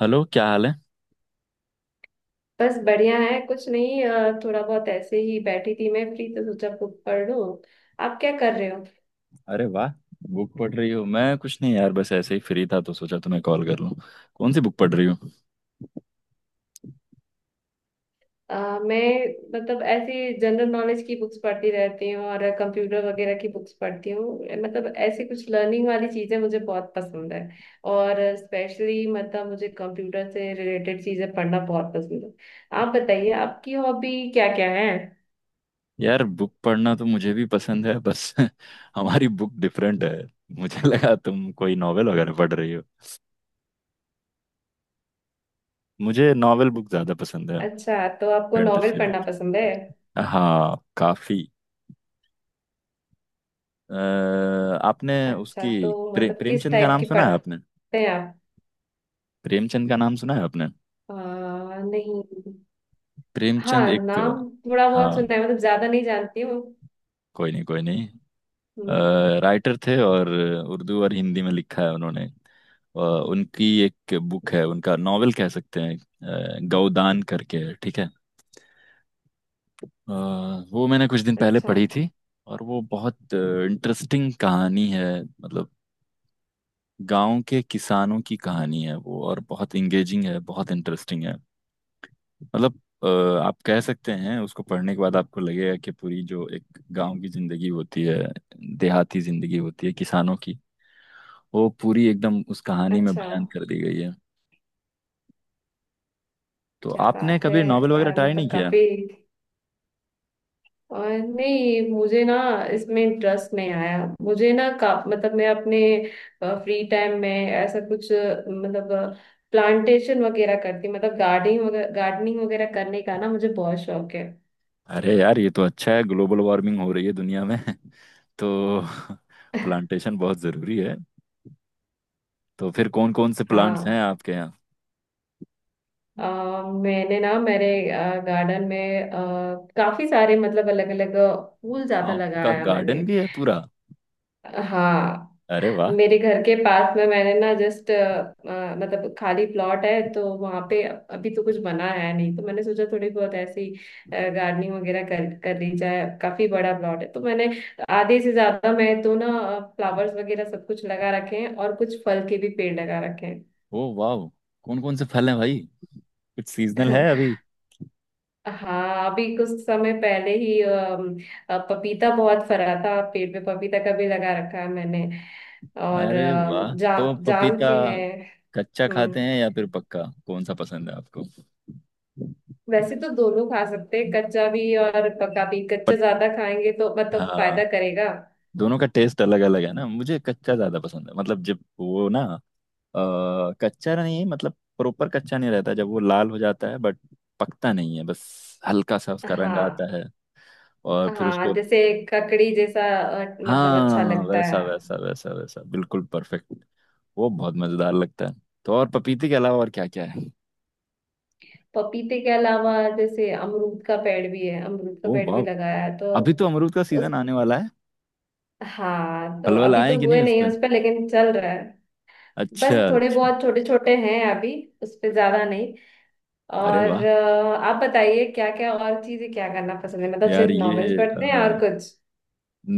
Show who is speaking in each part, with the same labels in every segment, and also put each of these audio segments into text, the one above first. Speaker 1: Hello, क्या हाल है।
Speaker 2: बस बढ़िया है। कुछ नहीं, थोड़ा बहुत ऐसे ही बैठी थी। मैं फ्री तो सोचा बुक पढ़ लूं। आप क्या कर रहे हो?
Speaker 1: अरे वाह, बुक पढ़ रही हो। मैं कुछ नहीं यार, बस ऐसे ही फ्री था तो सोचा तुम्हें कॉल कर लूं। कौन सी बुक पढ़ रही हो।
Speaker 2: अ, मैं मतलब ऐसी जनरल नॉलेज की बुक्स पढ़ती रहती हूँ और कंप्यूटर वगैरह की बुक्स पढ़ती हूँ। मतलब ऐसी कुछ लर्निंग वाली चीजें मुझे बहुत पसंद है। और स्पेशली मतलब मुझे कंप्यूटर से रिलेटेड चीजें पढ़ना बहुत पसंद है। आप बताइए आपकी हॉबी क्या क्या है?
Speaker 1: यार, बुक पढ़ना तो मुझे भी पसंद है बस हमारी बुक डिफरेंट है। मुझे लगा तुम कोई नॉवेल वगैरह पढ़ रही हो। मुझे नॉवेल बुक ज्यादा पसंद है।
Speaker 2: अच्छा, तो आपको नॉवेल
Speaker 1: फैंटेसी बुक।
Speaker 2: पढ़ना पसंद है।
Speaker 1: हाँ काफी। अ, आपने
Speaker 2: अच्छा,
Speaker 1: उसकी
Speaker 2: तो मतलब किस
Speaker 1: प्रेमचंद का
Speaker 2: टाइप
Speaker 1: नाम
Speaker 2: की
Speaker 1: सुना है आपने।
Speaker 2: पढ़ते हैं आप?
Speaker 1: प्रेमचंद का नाम सुना है आपने।
Speaker 2: आ, नहीं। हाँ,
Speaker 1: प्रेमचंद एक।
Speaker 2: नाम थोड़ा बहुत
Speaker 1: हाँ।
Speaker 2: सुना है, मतलब ज्यादा नहीं जानती हूँ।
Speaker 1: कोई नहीं।
Speaker 2: हम्म।
Speaker 1: राइटर थे और उर्दू और हिंदी में लिखा है उन्होंने। उनकी एक बुक है, उनका नॉवेल कह सकते हैं, गौदान करके है, ठीक है। अ, वो मैंने कुछ दिन पहले
Speaker 2: अच्छा।
Speaker 1: पढ़ी थी। और वो बहुत इंटरेस्टिंग कहानी है। मतलब गांव के किसानों की कहानी है वो, और बहुत इंगेजिंग है, बहुत इंटरेस्टिंग है। मतलब अ, आप कह सकते हैं उसको पढ़ने के बाद आपको लगेगा कि पूरी जो एक गांव की जिंदगी होती है, देहाती जिंदगी होती है किसानों की, वो पूरी एकदम उस कहानी में
Speaker 2: अच्छा।
Speaker 1: बयान कर दी गई है। तो
Speaker 2: क्या
Speaker 1: आपने
Speaker 2: बात है।
Speaker 1: कभी नॉवेल वगैरह ट्राई नहीं
Speaker 2: मतलब
Speaker 1: किया।
Speaker 2: काफी। और नहीं, मुझे ना इसमें इंटरेस्ट नहीं आया। मुझे ना का मतलब, मैं अपने फ्री टाइम में ऐसा कुछ, मतलब प्लांटेशन वगैरह करती, मतलब गार्डनिंग वगैरह, गार्डनिंग वगैरह करने का ना मुझे बहुत शौक है।
Speaker 1: अरे यार, ये तो अच्छा है, ग्लोबल वार्मिंग हो रही है दुनिया में तो प्लांटेशन बहुत जरूरी है। तो फिर कौन कौन से प्लांट्स हैं
Speaker 2: हाँ।
Speaker 1: आपके यहाँ।
Speaker 2: अ मैंने ना मेरे गार्डन में, काफी सारे, मतलब अलग अलग फूल ज्यादा
Speaker 1: आपका
Speaker 2: लगाया मैंने।
Speaker 1: गार्डन भी है पूरा।
Speaker 2: हाँ,
Speaker 1: अरे वाह।
Speaker 2: मेरे घर के पास में मैंने ना जस्ट, मतलब खाली प्लॉट है, तो वहां पे अभी तो कुछ बना है नहीं, तो मैंने सोचा थोड़ी बहुत ऐसी गार्डनिंग वगैरह कर कर ली जाए। काफी बड़ा प्लॉट है, तो मैंने आधे से ज्यादा मैं तो ना फ्लावर्स वगैरह सब कुछ लगा रखे हैं और कुछ फल के भी पेड़ लगा रखे
Speaker 1: ओ वाह, कौन कौन से फल हैं भाई। कुछ सीजनल
Speaker 2: हैं।
Speaker 1: है अभी।
Speaker 2: हाँ, अभी कुछ समय पहले ही पपीता बहुत फरा था पेड़ पे। पपीता का भी लगा रखा है मैंने। और
Speaker 1: अरे वाह, तो
Speaker 2: जाम
Speaker 1: पपीता
Speaker 2: के हैं।
Speaker 1: कच्चा
Speaker 2: हम्म।
Speaker 1: खाते हैं या फिर पक्का, कौन सा पसंद है आपको।
Speaker 2: वैसे तो दोनों खा सकते हैं, कच्चा भी और पका भी।
Speaker 1: पट।
Speaker 2: कच्चा ज्यादा खाएंगे तो मतलब
Speaker 1: हाँ,
Speaker 2: फायदा करेगा।
Speaker 1: दोनों का टेस्ट अलग अलग है ना। मुझे कच्चा ज्यादा पसंद है। मतलब जब वो ना कच्चा नहीं, मतलब प्रॉपर कच्चा नहीं रहता, जब वो लाल हो जाता है बट पकता नहीं है, बस हल्का सा उसका रंग
Speaker 2: हाँ
Speaker 1: आता है, और फिर
Speaker 2: हाँ,
Speaker 1: उसको।
Speaker 2: जैसे ककड़ी जैसा, मतलब अच्छा
Speaker 1: हाँ,
Speaker 2: लगता
Speaker 1: वैसा
Speaker 2: है।
Speaker 1: वैसा वैसा वैसा बिल्कुल परफेक्ट, वो बहुत मजेदार लगता है। तो और पपीते के अलावा और क्या क्या है।
Speaker 2: पपीते के अलावा जैसे अमरूद का पेड़ भी है। अमरूद का
Speaker 1: ओ
Speaker 2: पेड़ भी
Speaker 1: वाह,
Speaker 2: लगाया है तो।
Speaker 1: अभी तो अमरूद का सीजन आने वाला है।
Speaker 2: हाँ, तो
Speaker 1: पलवल
Speaker 2: अभी
Speaker 1: आए
Speaker 2: तो
Speaker 1: कि नहीं
Speaker 2: हुए
Speaker 1: उस
Speaker 2: नहीं हैं
Speaker 1: पर।
Speaker 2: उस पर, लेकिन चल रहा है। बस
Speaker 1: अच्छा
Speaker 2: थोड़े
Speaker 1: अच्छा।
Speaker 2: बहुत छोटे छोटे हैं अभी, उस पे ज्यादा नहीं।
Speaker 1: अरे
Speaker 2: और
Speaker 1: वाह।
Speaker 2: आप बताइए, क्या क्या और चीजें क्या करना पसंद है? मतलब
Speaker 1: यार
Speaker 2: सिर्फ नॉवेल्स
Speaker 1: ये
Speaker 2: पढ़ते हैं और
Speaker 1: अ,
Speaker 2: कुछ?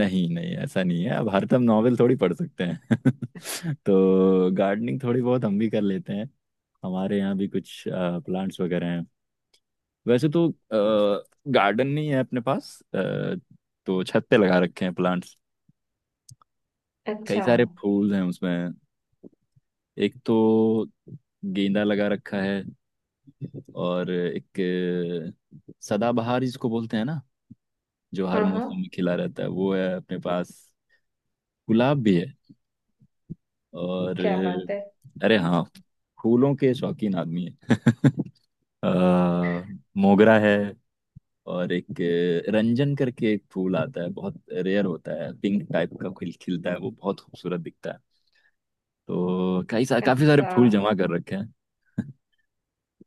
Speaker 1: नहीं नहीं, ऐसा नहीं है, अब हर तुम नॉवेल थोड़ी पढ़ सकते हैं तो गार्डनिंग थोड़ी बहुत हम भी कर लेते हैं। हमारे यहाँ भी कुछ प्लांट्स वगैरह हैं। वैसे तो गार्डन नहीं है अपने पास, तो छत पे लगा रखे हैं प्लांट्स। कई
Speaker 2: अच्छा।
Speaker 1: सारे फूल हैं उसमें। एक तो गेंदा लगा रखा है, और एक सदाबहार जिसको बोलते हैं ना, जो हर
Speaker 2: हाँ
Speaker 1: मौसम
Speaker 2: हाँ।
Speaker 1: में खिला रहता है, वो है अपने पास। गुलाब भी है, और
Speaker 2: क्या बात है।
Speaker 1: अरे हाँ, फूलों के शौकीन आदमी है अ, मोगरा है, और एक रंजन करके एक फूल आता है, बहुत रेयर होता है, पिंक टाइप का खिल खिलता है, वो बहुत खूबसूरत दिखता है। तो काफी सारे
Speaker 2: अच्छा,
Speaker 1: फूल जमा कर रखे हैं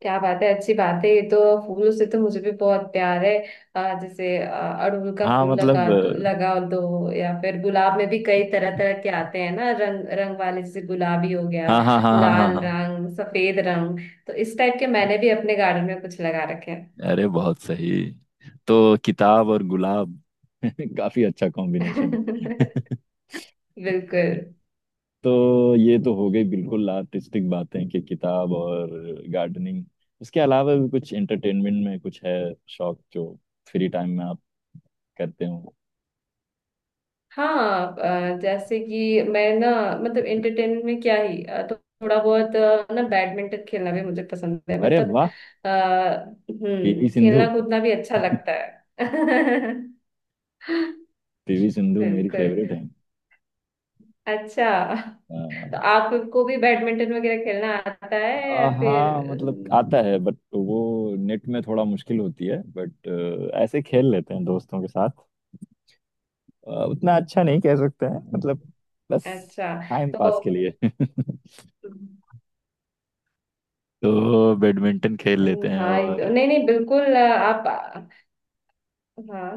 Speaker 2: क्या बात है, अच्छी बात है ये तो। फूलों से तो मुझे भी बहुत प्यार है। जैसे अड़हुल का
Speaker 1: हाँ
Speaker 2: फूल लगा
Speaker 1: मतलब अ,
Speaker 2: लगा दो, या फिर गुलाब में भी कई तरह तरह के आते हैं ना, रंग रंग वाले, जैसे गुलाबी हो गया,
Speaker 1: हाँ हाँ हाँ, हाँ हाँ
Speaker 2: लाल
Speaker 1: हाँ।
Speaker 2: रंग, सफेद रंग। तो इस टाइप के मैंने भी अपने गार्डन में कुछ लगा रखे हैं।
Speaker 1: अरे बहुत सही, तो किताब और गुलाब काफी अच्छा कॉम्बिनेशन है
Speaker 2: बिल्कुल।
Speaker 1: तो ये तो हो गई बिल्कुल आर्टिस्टिक बातें, कि किताब और गार्डनिंग। उसके अलावा भी कुछ एंटरटेनमेंट में कुछ है, शौक जो फ्री टाइम में आप करते हो।
Speaker 2: हाँ, जैसे कि मैं ना, मतलब एंटरटेनमेंट में क्या ही, तो थोड़ा बहुत ना बैडमिंटन खेलना भी मुझे पसंद है,
Speaker 1: अरे
Speaker 2: मतलब।
Speaker 1: वाह,
Speaker 2: आ,
Speaker 1: पीवी
Speaker 2: हम्म,
Speaker 1: सिंधु
Speaker 2: खेलना कूदना भी अच्छा लगता है।
Speaker 1: पीवी सिंधु मेरी
Speaker 2: बिल्कुल।
Speaker 1: फेवरेट है।
Speaker 2: अच्छा,
Speaker 1: आ,
Speaker 2: तो आपको भी बैडमिंटन वगैरह खेलना आता है या फिर?
Speaker 1: हाँ मतलब
Speaker 2: अम,
Speaker 1: आता है, बट वो नेट में थोड़ा मुश्किल होती है, बट ऐसे खेल लेते हैं दोस्तों के साथ। उतना अच्छा नहीं कह सकते हैं, मतलब बस
Speaker 2: अच्छा,
Speaker 1: टाइम
Speaker 2: तो
Speaker 1: पास के लिए
Speaker 2: अम,
Speaker 1: तो बैडमिंटन खेल लेते हैं,
Speaker 2: हाँ,
Speaker 1: और
Speaker 2: नहीं नहीं, बिल्कुल, आप। हाँ,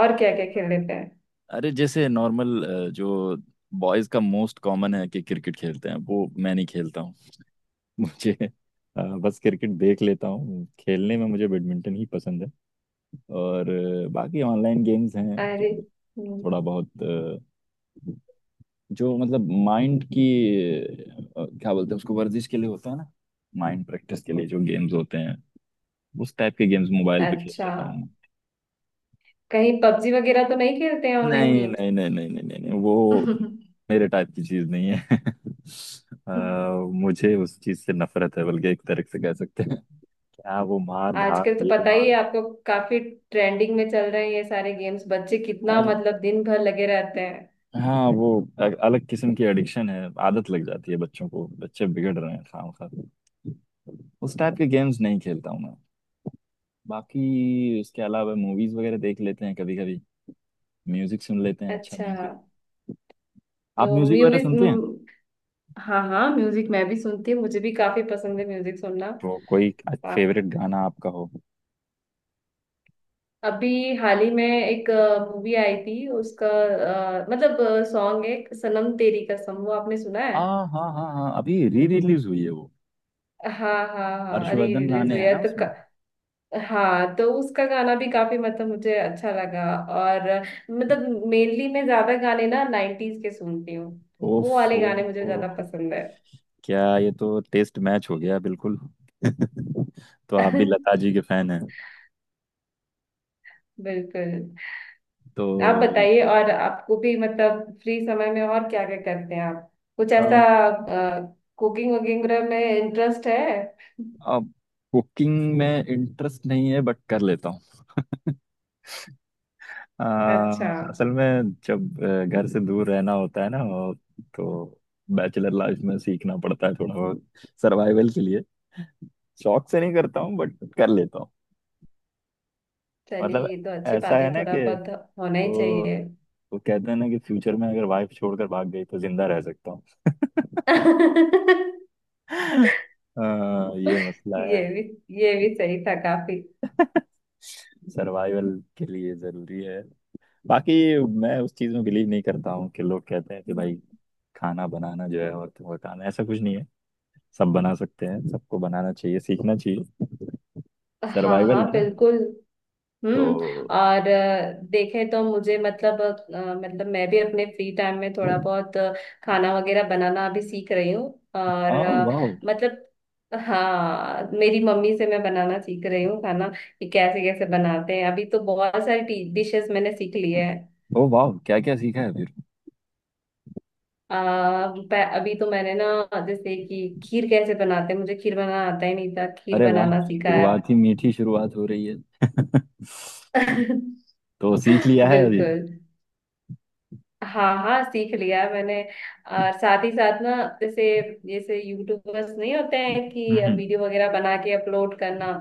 Speaker 2: और क्या क्या खेल लेते हैं?
Speaker 1: अरे जैसे नॉर्मल जो बॉयज का मोस्ट कॉमन है कि क्रिकेट खेलते हैं, वो मैं नहीं खेलता हूँ मुझे बस क्रिकेट देख लेता हूँ, खेलने में मुझे बैडमिंटन ही पसंद है। और बाकी ऑनलाइन गेम्स हैं
Speaker 2: अरे।
Speaker 1: जो
Speaker 2: हम्म।
Speaker 1: थोड़ा बहुत, जो मतलब माइंड की, क्या बोलते हैं उसको, वर्जिश के लिए होता है ना, माइंड प्रैक्टिस के लिए जो गेम्स होते हैं, उस टाइप के गेम्स मोबाइल पे खेल
Speaker 2: अच्छा,
Speaker 1: लेता हूँ।
Speaker 2: कहीं पबजी वगैरह तो नहीं खेलते हैं ऑनलाइन
Speaker 1: नहीं
Speaker 2: गेम्स?
Speaker 1: नहीं नहीं नहीं नहीं नहीं, नहीं वो मेरे टाइप की चीज नहीं है आ, मुझे उस चीज से नफरत है, बल्कि एक तरह से कह सकते हैं, क्या वो मार धाड़
Speaker 2: आजकल तो
Speaker 1: ये
Speaker 2: पता
Speaker 1: मार।
Speaker 2: ही है आपको, काफी ट्रेंडिंग में चल रहे हैं ये सारे गेम्स। बच्चे कितना
Speaker 1: अरे,
Speaker 2: मतलब दिन भर लगे रहते हैं।
Speaker 1: हाँ वो अलग किस्म की एडिक्शन है, आदत लग जाती है बच्चों को, बच्चे बिगड़ रहे हैं खाम खा। उस टाइप के गेम्स नहीं खेलता हूँ मैं। बाकी उसके अलावा मूवीज वगैरह देख लेते हैं कभी कभी, म्यूजिक सुन लेते हैं, अच्छा
Speaker 2: अच्छा,
Speaker 1: म्यूजिक। आप
Speaker 2: तो
Speaker 1: म्यूजिक वगैरह
Speaker 2: मूवीज।
Speaker 1: सुनते हैं।
Speaker 2: हाँ हाँ, म्यूजिक मैं भी सुनती हूँ। मुझे भी काफी पसंद है म्यूजिक सुनना।
Speaker 1: तो कोई
Speaker 2: वाह,
Speaker 1: फेवरेट गाना आपका हो।
Speaker 2: अभी हाल ही में एक मूवी आई थी, उसका मतलब सॉन्ग है, सनम तेरी कसम, वो आपने सुना है?
Speaker 1: आ, हाँ हाँ हाँ, अभी री रिलीज हुई है वो।
Speaker 2: हाँ हाँ हाँ, री
Speaker 1: हर्षवर्धन
Speaker 2: रिलीज
Speaker 1: गाने
Speaker 2: हुई
Speaker 1: हैं
Speaker 2: है
Speaker 1: ना
Speaker 2: तो।
Speaker 1: उसमें।
Speaker 2: हाँ, तो उसका गाना भी काफी, मतलब मुझे अच्छा लगा। और मतलब मेनली मैं ज्यादा गाने ना नाइन्टीज के सुनती हूँ। वो वाले
Speaker 1: ओफो,
Speaker 2: गाने मुझे ज्यादा पसंद है।
Speaker 1: क्या ये तो टेस्ट मैच हो गया बिल्कुल तो आप भी लता जी के फैन हैं।
Speaker 2: बिल्कुल। आप
Speaker 1: तो
Speaker 2: बताइए, और आपको भी मतलब फ्री समय में और क्या क्या करते हैं आप? कुछ ऐसा
Speaker 1: अम,
Speaker 2: कुकिंग वगैरह में इंटरेस्ट है?
Speaker 1: अब कुकिंग में इंटरेस्ट नहीं है, बट कर लेता हूँ आ,
Speaker 2: अच्छा।
Speaker 1: असल में जब घर से दूर रहना होता है ना, और तो बैचलर लाइफ में सीखना पड़ता है थोड़ा बहुत, सर्वाइवल के लिए। शौक से नहीं करता हूँ, बट कर लेता हूँ।
Speaker 2: चलिए,
Speaker 1: मतलब
Speaker 2: ये तो अच्छी
Speaker 1: ऐसा
Speaker 2: बात है।
Speaker 1: है ना कि
Speaker 2: थोड़ा बहुत होना ही
Speaker 1: वो
Speaker 2: चाहिए।
Speaker 1: वो कहते हैं ना कि फ्यूचर में अगर वाइफ छोड़कर भाग गई तो जिंदा रह सकता हूँ अ, ये मसला है
Speaker 2: ये भी, ये भी सही था काफी।
Speaker 1: सर्वाइवल के लिए जरूरी है। बाकी मैं उस चीज में बिलीव नहीं करता हूँ कि लोग कहते हैं कि भाई खाना बनाना जो है औरतों का काम है, ऐसा कुछ नहीं है। सब बना सकते हैं, सबको बनाना चाहिए, सीखना चाहिए।
Speaker 2: हाँ
Speaker 1: सर्वाइवल
Speaker 2: हाँ
Speaker 1: है ना।
Speaker 2: बिल्कुल। हम्म।
Speaker 1: तो
Speaker 2: और देखें तो मुझे मतलब, मतलब मैं भी अपने फ्री टाइम में थोड़ा बहुत, खाना वगैरह बनाना अभी सीख रही हूँ। और
Speaker 1: हाँ वाह।
Speaker 2: मतलब, हाँ, मेरी मम्मी से मैं बनाना सीख रही हूँ खाना, कि कैसे कैसे बनाते हैं। अभी तो बहुत सारी डिशेस मैंने सीख ली है।
Speaker 1: ओ वाह, क्या क्या सीखा है फिर।
Speaker 2: अ, अभी तो मैंने ना, जैसे कि खीर कैसे बनाते हैं, मुझे खीर बनाना आता ही नहीं था, खीर
Speaker 1: अरे वाह,
Speaker 2: बनाना सीखा है।
Speaker 1: शुरुआत ही मीठी शुरुआत हो रही है। तो सीख लिया है अभी।
Speaker 2: बिल्कुल। हाँ हाँ, सीख लिया है मैंने। और साथ ही साथ ना, जैसे जैसे यूट्यूबर्स नहीं होते हैं कि
Speaker 1: हम्म।
Speaker 2: वीडियो वगैरह बना के अपलोड करना,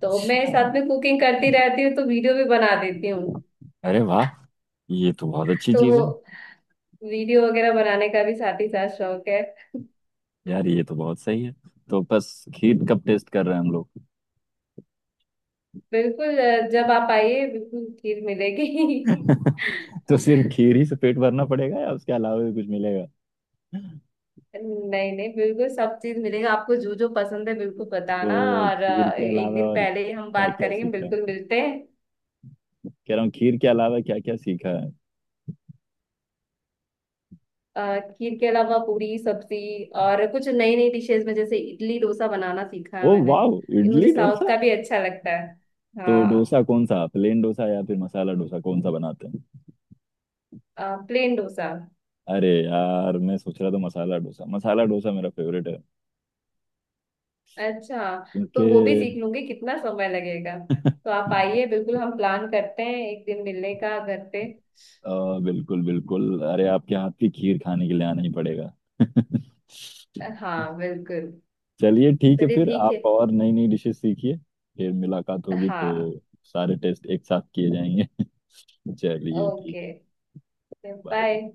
Speaker 2: तो मैं साथ में कुकिंग करती रहती हूँ तो वीडियो भी बना देती हूँ।
Speaker 1: अरे वाह, ये तो बहुत अच्छी
Speaker 2: तो
Speaker 1: चीज
Speaker 2: वो
Speaker 1: है।
Speaker 2: वीडियो वगैरह बनाने का भी साथ ही साथ शौक है।
Speaker 1: यार ये तो बहुत सही है, तो बस खीर कब टेस्ट कर रहे हैं हम लोग
Speaker 2: बिल्कुल, जब आप आइए बिल्कुल खीर मिलेगी।
Speaker 1: तो सिर्फ खीर ही से पेट भरना पड़ेगा या उसके अलावा भी कुछ मिलेगा।
Speaker 2: नहीं नहीं, बिल्कुल सब चीज मिलेगा आपको। जो जो पसंद है बिल्कुल बताना।
Speaker 1: तो
Speaker 2: और
Speaker 1: खीर के
Speaker 2: एक
Speaker 1: अलावा
Speaker 2: दिन
Speaker 1: और
Speaker 2: पहले ही हम
Speaker 1: क्या
Speaker 2: बात
Speaker 1: क्या
Speaker 2: करेंगे,
Speaker 1: सीखा।
Speaker 2: बिल्कुल मिलते हैं।
Speaker 1: कह रहा हूँ खीर के अलावा क्या क्या सीखा है।
Speaker 2: खीर के अलावा पूरी सब्जी, और कुछ नई नई डिशेस में जैसे इडली डोसा बनाना सीखा है
Speaker 1: ओ
Speaker 2: मैंने।
Speaker 1: वाह,
Speaker 2: ये मुझे
Speaker 1: इडली
Speaker 2: साउथ
Speaker 1: डोसा।
Speaker 2: का भी अच्छा लगता है।
Speaker 1: तो
Speaker 2: हाँ,
Speaker 1: डोसा कौन सा, प्लेन डोसा या फिर मसाला डोसा, कौन सा बनाते हैं।
Speaker 2: प्लेन डोसा।
Speaker 1: अरे यार, मैं सोच रहा था मसाला डोसा, मसाला डोसा मेरा फेवरेट है
Speaker 2: अच्छा, तो
Speaker 1: क्योंकि
Speaker 2: वो भी सीख लूंगी, कितना समय लगेगा। तो आप आइए, बिल्कुल हम प्लान करते हैं, एक दिन मिलने का घर पे।
Speaker 1: बिल्कुल बिल्कुल, अरे आपके हाथ की खीर खाने के लिए आना ही पड़ेगा
Speaker 2: हाँ बिल्कुल।
Speaker 1: चलिए ठीक है,
Speaker 2: चलिए
Speaker 1: फिर
Speaker 2: ठीक है।
Speaker 1: आप और नई नई डिशेस सीखिए। फिर मुलाकात होगी तो
Speaker 2: हाँ।
Speaker 1: सारे टेस्ट एक साथ किए जाएंगे चलिए ठीक
Speaker 2: ओके।
Speaker 1: है। बाय।
Speaker 2: बाय।